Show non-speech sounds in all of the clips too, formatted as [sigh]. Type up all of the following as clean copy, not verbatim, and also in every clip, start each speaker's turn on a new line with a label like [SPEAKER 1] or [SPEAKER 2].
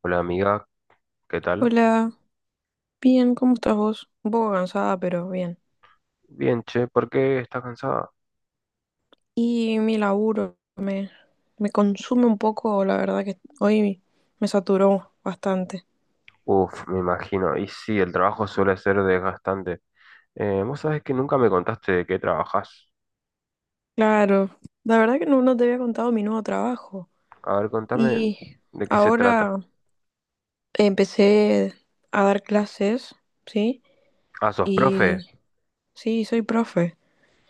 [SPEAKER 1] Hola amiga, ¿qué tal?
[SPEAKER 2] Hola, bien, ¿cómo estás vos? Un poco cansada, pero bien.
[SPEAKER 1] Bien, che, ¿por qué estás cansada?
[SPEAKER 2] Y mi laburo me consume un poco, la verdad que hoy me saturó bastante.
[SPEAKER 1] Uf, me imagino. Y sí, el trabajo suele ser desgastante. Vos sabés que nunca me contaste de qué trabajás.
[SPEAKER 2] Claro, la verdad que no te había contado mi nuevo trabajo.
[SPEAKER 1] A ver, contame
[SPEAKER 2] Y
[SPEAKER 1] de qué se trata.
[SPEAKER 2] ahora empecé a dar clases, ¿sí?
[SPEAKER 1] Ah, ¿sos profe?
[SPEAKER 2] Y sí, soy profe.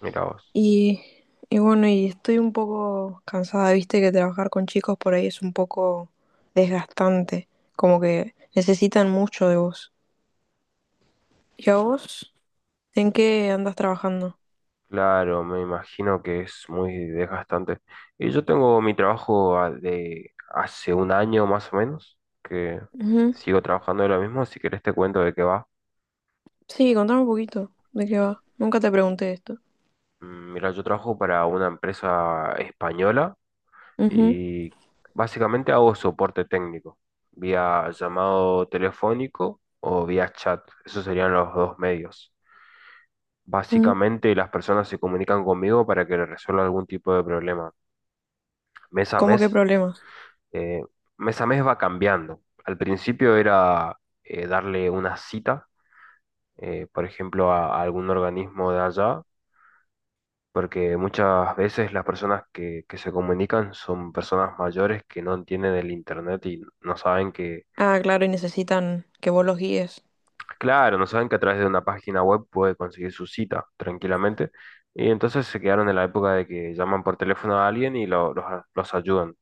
[SPEAKER 1] Mira vos.
[SPEAKER 2] Y, y bueno, y estoy un poco cansada, viste que trabajar con chicos por ahí es un poco desgastante, como que necesitan mucho de vos. ¿Y a vos? ¿En qué andas trabajando?
[SPEAKER 1] Claro, me imagino que es muy desgastante. Y yo tengo mi trabajo de hace un año más o menos, que
[SPEAKER 2] Ujú.
[SPEAKER 1] sigo trabajando de lo mismo. Si querés te cuento de qué va.
[SPEAKER 2] Sí, contame un poquito de qué va. Nunca te pregunté esto.
[SPEAKER 1] Mira, yo trabajo para una empresa española
[SPEAKER 2] Ujú,
[SPEAKER 1] y básicamente hago soporte técnico, vía llamado telefónico o vía chat. Esos serían los dos medios.
[SPEAKER 2] ujú.
[SPEAKER 1] Básicamente las personas se comunican conmigo para que les resuelva algún tipo de problema. Mes a
[SPEAKER 2] ¿Cómo
[SPEAKER 1] mes,
[SPEAKER 2] qué problemas?
[SPEAKER 1] eh, mes a mes va cambiando. Al principio era darle una cita, por ejemplo, a algún organismo de allá. Porque muchas veces las personas que se comunican son personas mayores que no entienden el internet y no saben que.
[SPEAKER 2] Ah, claro, y necesitan que vos los guíes.
[SPEAKER 1] Claro, no saben que a través de una página web puede conseguir su cita tranquilamente. Y entonces se quedaron en la época de que llaman por teléfono a alguien y los ayudan.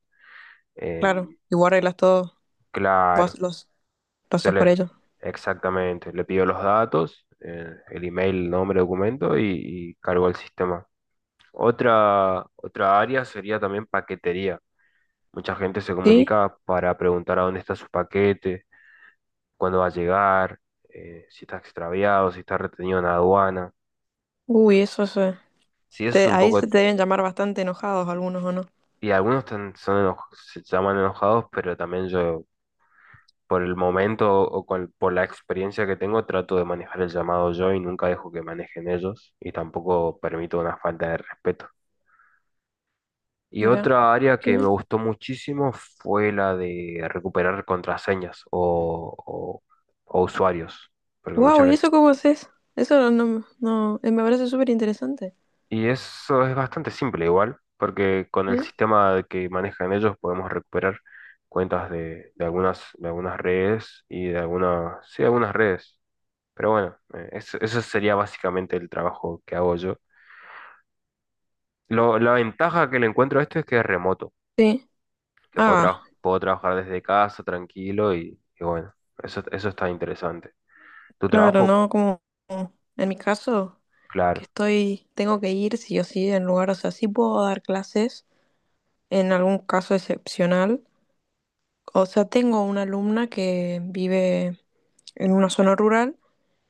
[SPEAKER 2] Claro,
[SPEAKER 1] Em,
[SPEAKER 2] y vos arreglas todo, vos
[SPEAKER 1] claro,
[SPEAKER 2] los, lo
[SPEAKER 1] yo
[SPEAKER 2] haces por
[SPEAKER 1] le,
[SPEAKER 2] ellos.
[SPEAKER 1] exactamente, le pido los datos, el email, nombre, documento y cargo al sistema. Otra área sería también paquetería. Mucha gente se
[SPEAKER 2] ¿Sí?
[SPEAKER 1] comunica para preguntar a dónde está su paquete, cuándo va a llegar, si está extraviado, si está retenido en aduana.
[SPEAKER 2] Uy, eso es...
[SPEAKER 1] Sí, eso es un
[SPEAKER 2] ahí se
[SPEAKER 1] poco.
[SPEAKER 2] te deben llamar bastante enojados algunos, ¿o no?
[SPEAKER 1] Y algunos se llaman enojados, pero también yo, por el momento por la experiencia que tengo, trato de manejar el llamado yo y nunca dejo que manejen ellos y tampoco permito una falta de respeto. Y
[SPEAKER 2] Mira,
[SPEAKER 1] otra área
[SPEAKER 2] qué
[SPEAKER 1] que me
[SPEAKER 2] bien.
[SPEAKER 1] gustó muchísimo fue la de recuperar contraseñas o usuarios, porque
[SPEAKER 2] Wow,
[SPEAKER 1] muchas
[SPEAKER 2] ¿y eso
[SPEAKER 1] veces.
[SPEAKER 2] cómo haces? Eso no, me parece súper interesante.
[SPEAKER 1] Y eso es bastante simple igual, porque con el
[SPEAKER 2] ¿Sí?
[SPEAKER 1] sistema que manejan ellos podemos recuperar cuentas de algunas redes y de algunas, sí, algunas redes. Pero bueno, eso sería básicamente el trabajo que hago yo. La ventaja que le encuentro a esto es que es remoto,
[SPEAKER 2] Sí.
[SPEAKER 1] que puedo,
[SPEAKER 2] Ah,
[SPEAKER 1] traj- puedo trabajar desde casa tranquilo y bueno, eso está interesante. Tu
[SPEAKER 2] claro,
[SPEAKER 1] trabajo,
[SPEAKER 2] no como en mi caso, que
[SPEAKER 1] claro.
[SPEAKER 2] tengo que ir sí o sí en lugar, o sea, sí puedo dar clases en algún caso excepcional. O sea, tengo una alumna que vive en una zona rural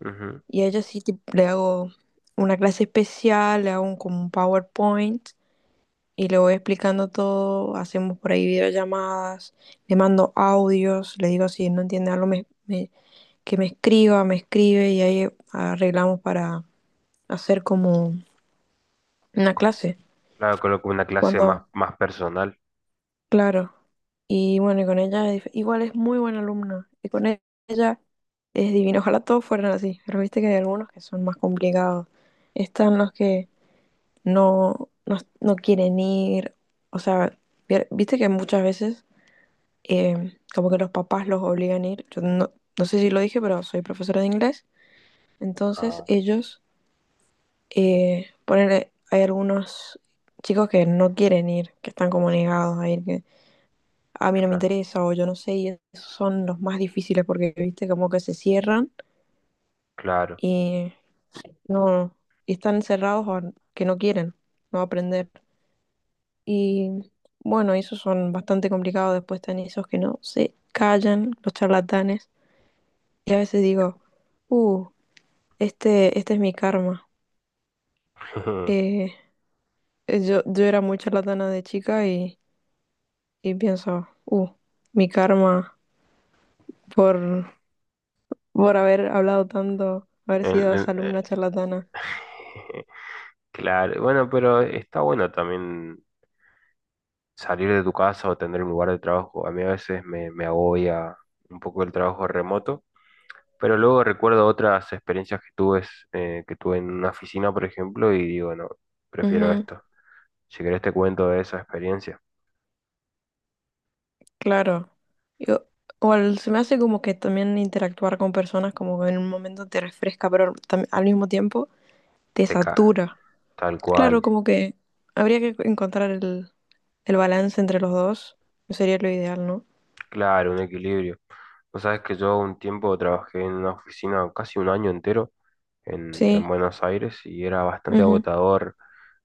[SPEAKER 1] Ujú.
[SPEAKER 2] y a ella le hago una clase especial, le hago como un PowerPoint y le voy explicando todo, hacemos por ahí videollamadas, le mando audios, le digo si no entiende algo que me escriba, me escribe y ahí arreglamos para hacer como una clase.
[SPEAKER 1] Claro, coloco una clase más,
[SPEAKER 2] Cuando,
[SPEAKER 1] más personal.
[SPEAKER 2] claro. Y bueno, y con ella igual es muy buena alumna y ella es divino. Ojalá todos fueran así, pero viste que hay algunos que son más complicados. Están los que no quieren ir, o sea, viste que muchas veces como que los papás los obligan a ir. Yo no, no sé si lo dije, pero soy profesora de inglés. Entonces
[SPEAKER 1] Ah,
[SPEAKER 2] ellos, ponele, hay algunos chicos que no quieren ir, que están como negados a ir, que a mí no me
[SPEAKER 1] cla-
[SPEAKER 2] interesa o yo no sé, y esos son los más difíciles porque, viste, como que se cierran
[SPEAKER 1] claro.
[SPEAKER 2] y no, y están cerrados a que no quieren, no aprender. Y bueno, esos son bastante complicados, después están esos que no se callan, los charlatanes. Y a veces digo, uh, este es mi karma.
[SPEAKER 1] [laughs]
[SPEAKER 2] Eh, yo era muy charlatana de chica y pienso, mi karma por, por haber hablado tanto, haber
[SPEAKER 1] El-
[SPEAKER 2] sido esa
[SPEAKER 1] el- eh,
[SPEAKER 2] alumna charlatana.
[SPEAKER 1] [sighs] [laughs] claro, bueno, pero está bueno también salir de tu casa o tener un lugar de trabajo. A mí a veces me agobia un poco el trabajo remoto, pero luego recuerdo otras experiencias que tuve, en una oficina, por ejemplo, y digo, no, prefiero
[SPEAKER 2] Ujú,
[SPEAKER 1] esto. Si querés te cuento de esa experiencia.
[SPEAKER 2] claro. Yo- Se me hace como que también interactuar con personas como que en un momento te refresca, pero al mismo tiempo te
[SPEAKER 1] Te cae.
[SPEAKER 2] satura.
[SPEAKER 1] Tal
[SPEAKER 2] Claro,
[SPEAKER 1] cual.
[SPEAKER 2] como que habría que encontrar el balance entre los dos. Sería lo ideal, ¿no?
[SPEAKER 1] Claro, un equilibrio. Vos sabés que yo un tiempo trabajé en una oficina casi un año entero en
[SPEAKER 2] Sí.
[SPEAKER 1] Buenos Aires y era bastante
[SPEAKER 2] Ujú.
[SPEAKER 1] agotador,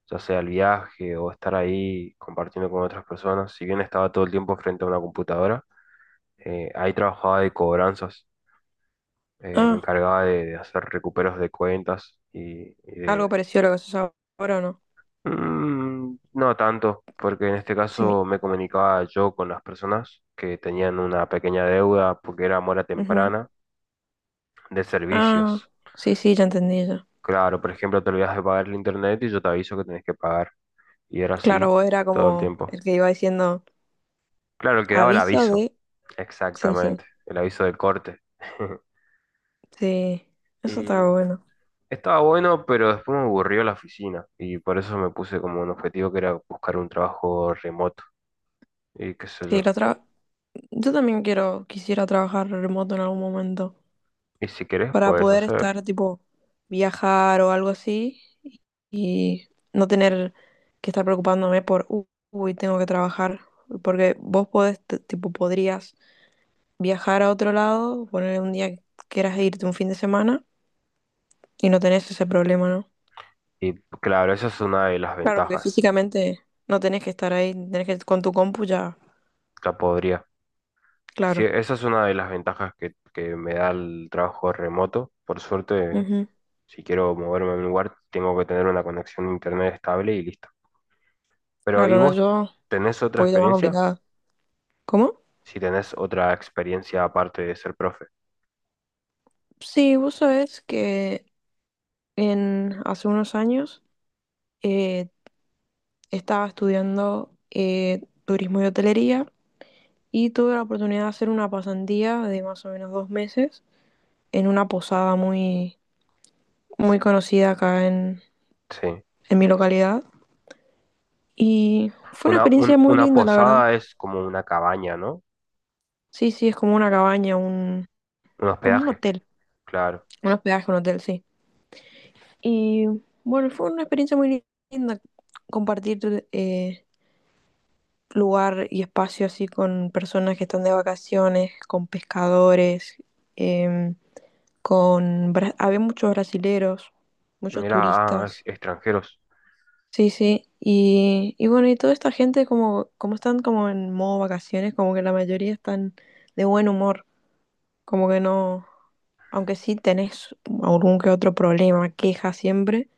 [SPEAKER 1] ya sea el viaje o estar ahí compartiendo con otras personas. Si bien estaba todo el tiempo frente a una computadora, ahí trabajaba de cobranzas, me
[SPEAKER 2] Ah,
[SPEAKER 1] encargaba de hacer recuperos de cuentas y
[SPEAKER 2] algo
[SPEAKER 1] de...
[SPEAKER 2] parecido a lo que se ahora, ¿o no?
[SPEAKER 1] No tanto, porque en este
[SPEAKER 2] Sí, mi-
[SPEAKER 1] caso me comunicaba yo con las personas que tenían una pequeña deuda porque era mora
[SPEAKER 2] Ujú.
[SPEAKER 1] temprana de
[SPEAKER 2] Ah,
[SPEAKER 1] servicios.
[SPEAKER 2] sí, sí, ya entendí ya.
[SPEAKER 1] Claro, por ejemplo, te olvidas de pagar el internet y yo te aviso que tenés que pagar. Y era
[SPEAKER 2] Claro,
[SPEAKER 1] así
[SPEAKER 2] vos era
[SPEAKER 1] todo el
[SPEAKER 2] como
[SPEAKER 1] tiempo.
[SPEAKER 2] el que iba diciendo
[SPEAKER 1] Claro, el que daba el
[SPEAKER 2] aviso
[SPEAKER 1] aviso,
[SPEAKER 2] de... Sí, sí,
[SPEAKER 1] exactamente, el aviso del corte. [laughs]
[SPEAKER 2] sí, eso estaba
[SPEAKER 1] Y
[SPEAKER 2] bueno.
[SPEAKER 1] estaba bueno, pero después me aburrió la oficina y por eso me puse como un objetivo que era buscar un trabajo remoto y qué sé
[SPEAKER 2] Sí,
[SPEAKER 1] yo.
[SPEAKER 2] la otra... Yo también quisiera trabajar remoto en algún momento
[SPEAKER 1] Y si querés,
[SPEAKER 2] para
[SPEAKER 1] puedes
[SPEAKER 2] poder
[SPEAKER 1] hacer.
[SPEAKER 2] estar, tipo, viajar o algo así y no tener que estar preocupándome por, uy, tengo que trabajar", porque vos podés, tipo, podrías... viajar a otro lado, poner un día que quieras irte un fin de semana y no tenés ese problema, ¿no?
[SPEAKER 1] Y claro, esa es una de las
[SPEAKER 2] Claro, porque
[SPEAKER 1] ventajas.
[SPEAKER 2] físicamente no tenés que estar ahí, tenés que con tu compu ya,
[SPEAKER 1] La podría. Sí,
[SPEAKER 2] claro.
[SPEAKER 1] esa es una de las ventajas que me da el trabajo remoto. Por suerte,
[SPEAKER 2] Ujú.
[SPEAKER 1] si quiero moverme a un lugar, tengo que tener una conexión a internet estable y listo. Pero, ¿y
[SPEAKER 2] Claro, no,
[SPEAKER 1] vos
[SPEAKER 2] yo un
[SPEAKER 1] tenés otra
[SPEAKER 2] poquito más
[SPEAKER 1] experiencia?
[SPEAKER 2] complicada. ¿Cómo?
[SPEAKER 1] Si tenés otra experiencia aparte de ser profe.
[SPEAKER 2] Sí, vos sabés que hace unos años eh, estaba estudiando turismo y hotelería y tuve la oportunidad de hacer una pasantía de más o menos dos meses en una posada muy conocida acá
[SPEAKER 1] Sí.
[SPEAKER 2] en mi localidad. Y fue una
[SPEAKER 1] Una,
[SPEAKER 2] experiencia
[SPEAKER 1] un-
[SPEAKER 2] muy
[SPEAKER 1] una
[SPEAKER 2] linda, la verdad.
[SPEAKER 1] posada es como una cabaña, ¿no?
[SPEAKER 2] Sí, sí, es como una cabaña,
[SPEAKER 1] Un
[SPEAKER 2] como un
[SPEAKER 1] hospedaje,
[SPEAKER 2] hotel,
[SPEAKER 1] claro.
[SPEAKER 2] un hospedaje, un hotel, sí. Y bueno, fue una experiencia muy linda compartir eh, lugar y espacio así con personas que están de vacaciones, con pescadores, em, con... Había muchos brasileros, muchos
[SPEAKER 1] Mira, ah, ex-
[SPEAKER 2] turistas.
[SPEAKER 1] extranjeros.
[SPEAKER 2] Sí, sí, y bueno, y toda esta gente como están como en modo vacaciones, como que la mayoría están de buen humor. Como que no, aunque sí tenés algún que otro problema, queja siempre,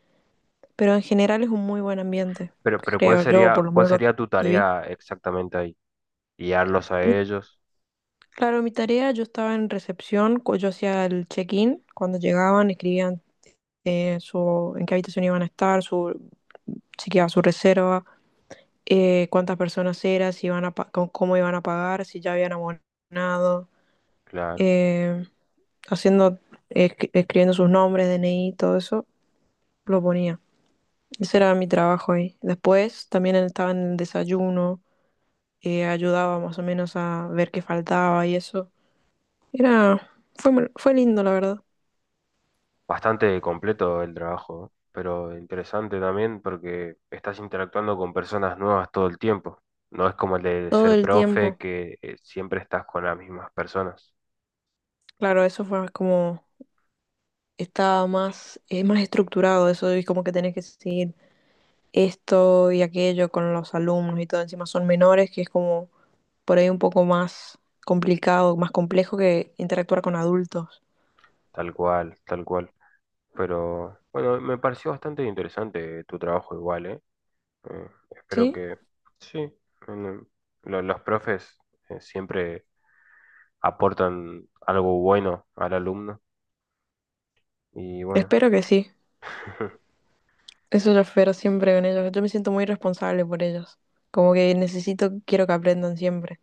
[SPEAKER 2] pero en general es un muy buen ambiente,
[SPEAKER 1] Pero, ¿cuál
[SPEAKER 2] creo yo, por
[SPEAKER 1] sería,
[SPEAKER 2] lo
[SPEAKER 1] cuál
[SPEAKER 2] menos lo
[SPEAKER 1] sería tu
[SPEAKER 2] que vi.
[SPEAKER 1] tarea exactamente ahí? Guiarlos a
[SPEAKER 2] Mi-
[SPEAKER 1] ellos,
[SPEAKER 2] claro, mi tarea, yo estaba en recepción, yo hacía el check-in, cuando llegaban escribían en qué habitación iban a estar, su, si quedaba su reserva, cuántas personas eran, si iban a pa- cómo, cómo iban a pagar, si ya habían abonado,
[SPEAKER 1] claro.
[SPEAKER 2] eh, haciendo, escribiendo sus nombres, DNI, todo eso, lo ponía. Ese era mi trabajo ahí. Después también estaba en el desayuno, ayudaba más o menos a ver qué faltaba y eso. Era, Fue lindo, la verdad.
[SPEAKER 1] Bastante completo el trabajo, ¿no? Pero interesante también porque estás interactuando con personas nuevas todo el tiempo. No es como el de
[SPEAKER 2] Todo
[SPEAKER 1] ser
[SPEAKER 2] el
[SPEAKER 1] profe
[SPEAKER 2] tiempo.
[SPEAKER 1] que siempre estás con las mismas personas.
[SPEAKER 2] Claro, eso fue como, estaba más estructurado eso y como que tenés que seguir esto y aquello con los alumnos y todo. Encima son menores, que es como por ahí un poco más complicado, más complejo que interactuar con adultos.
[SPEAKER 1] Tal cual, tal cual. Pero bueno, me pareció bastante interesante tu trabajo igual, ¿eh? Espero
[SPEAKER 2] ¿Sí?
[SPEAKER 1] que sí. en- los profes siempre aportan algo bueno al alumno y bueno,
[SPEAKER 2] Espero que sí.
[SPEAKER 1] [laughs]
[SPEAKER 2] Eso es lo espero siempre con ellos. Yo me siento muy responsable por ellos. Como que necesito, quiero que aprendan siempre.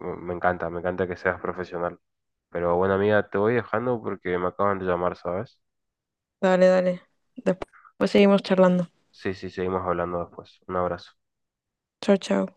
[SPEAKER 1] me encanta que seas profesional. Pero bueno, amiga, te voy dejando porque me acaban de llamar, ¿sabes?
[SPEAKER 2] Dale, dale. Después seguimos charlando.
[SPEAKER 1] Sí, sí, seguimos hablando después. Un abrazo.
[SPEAKER 2] Chao, chao.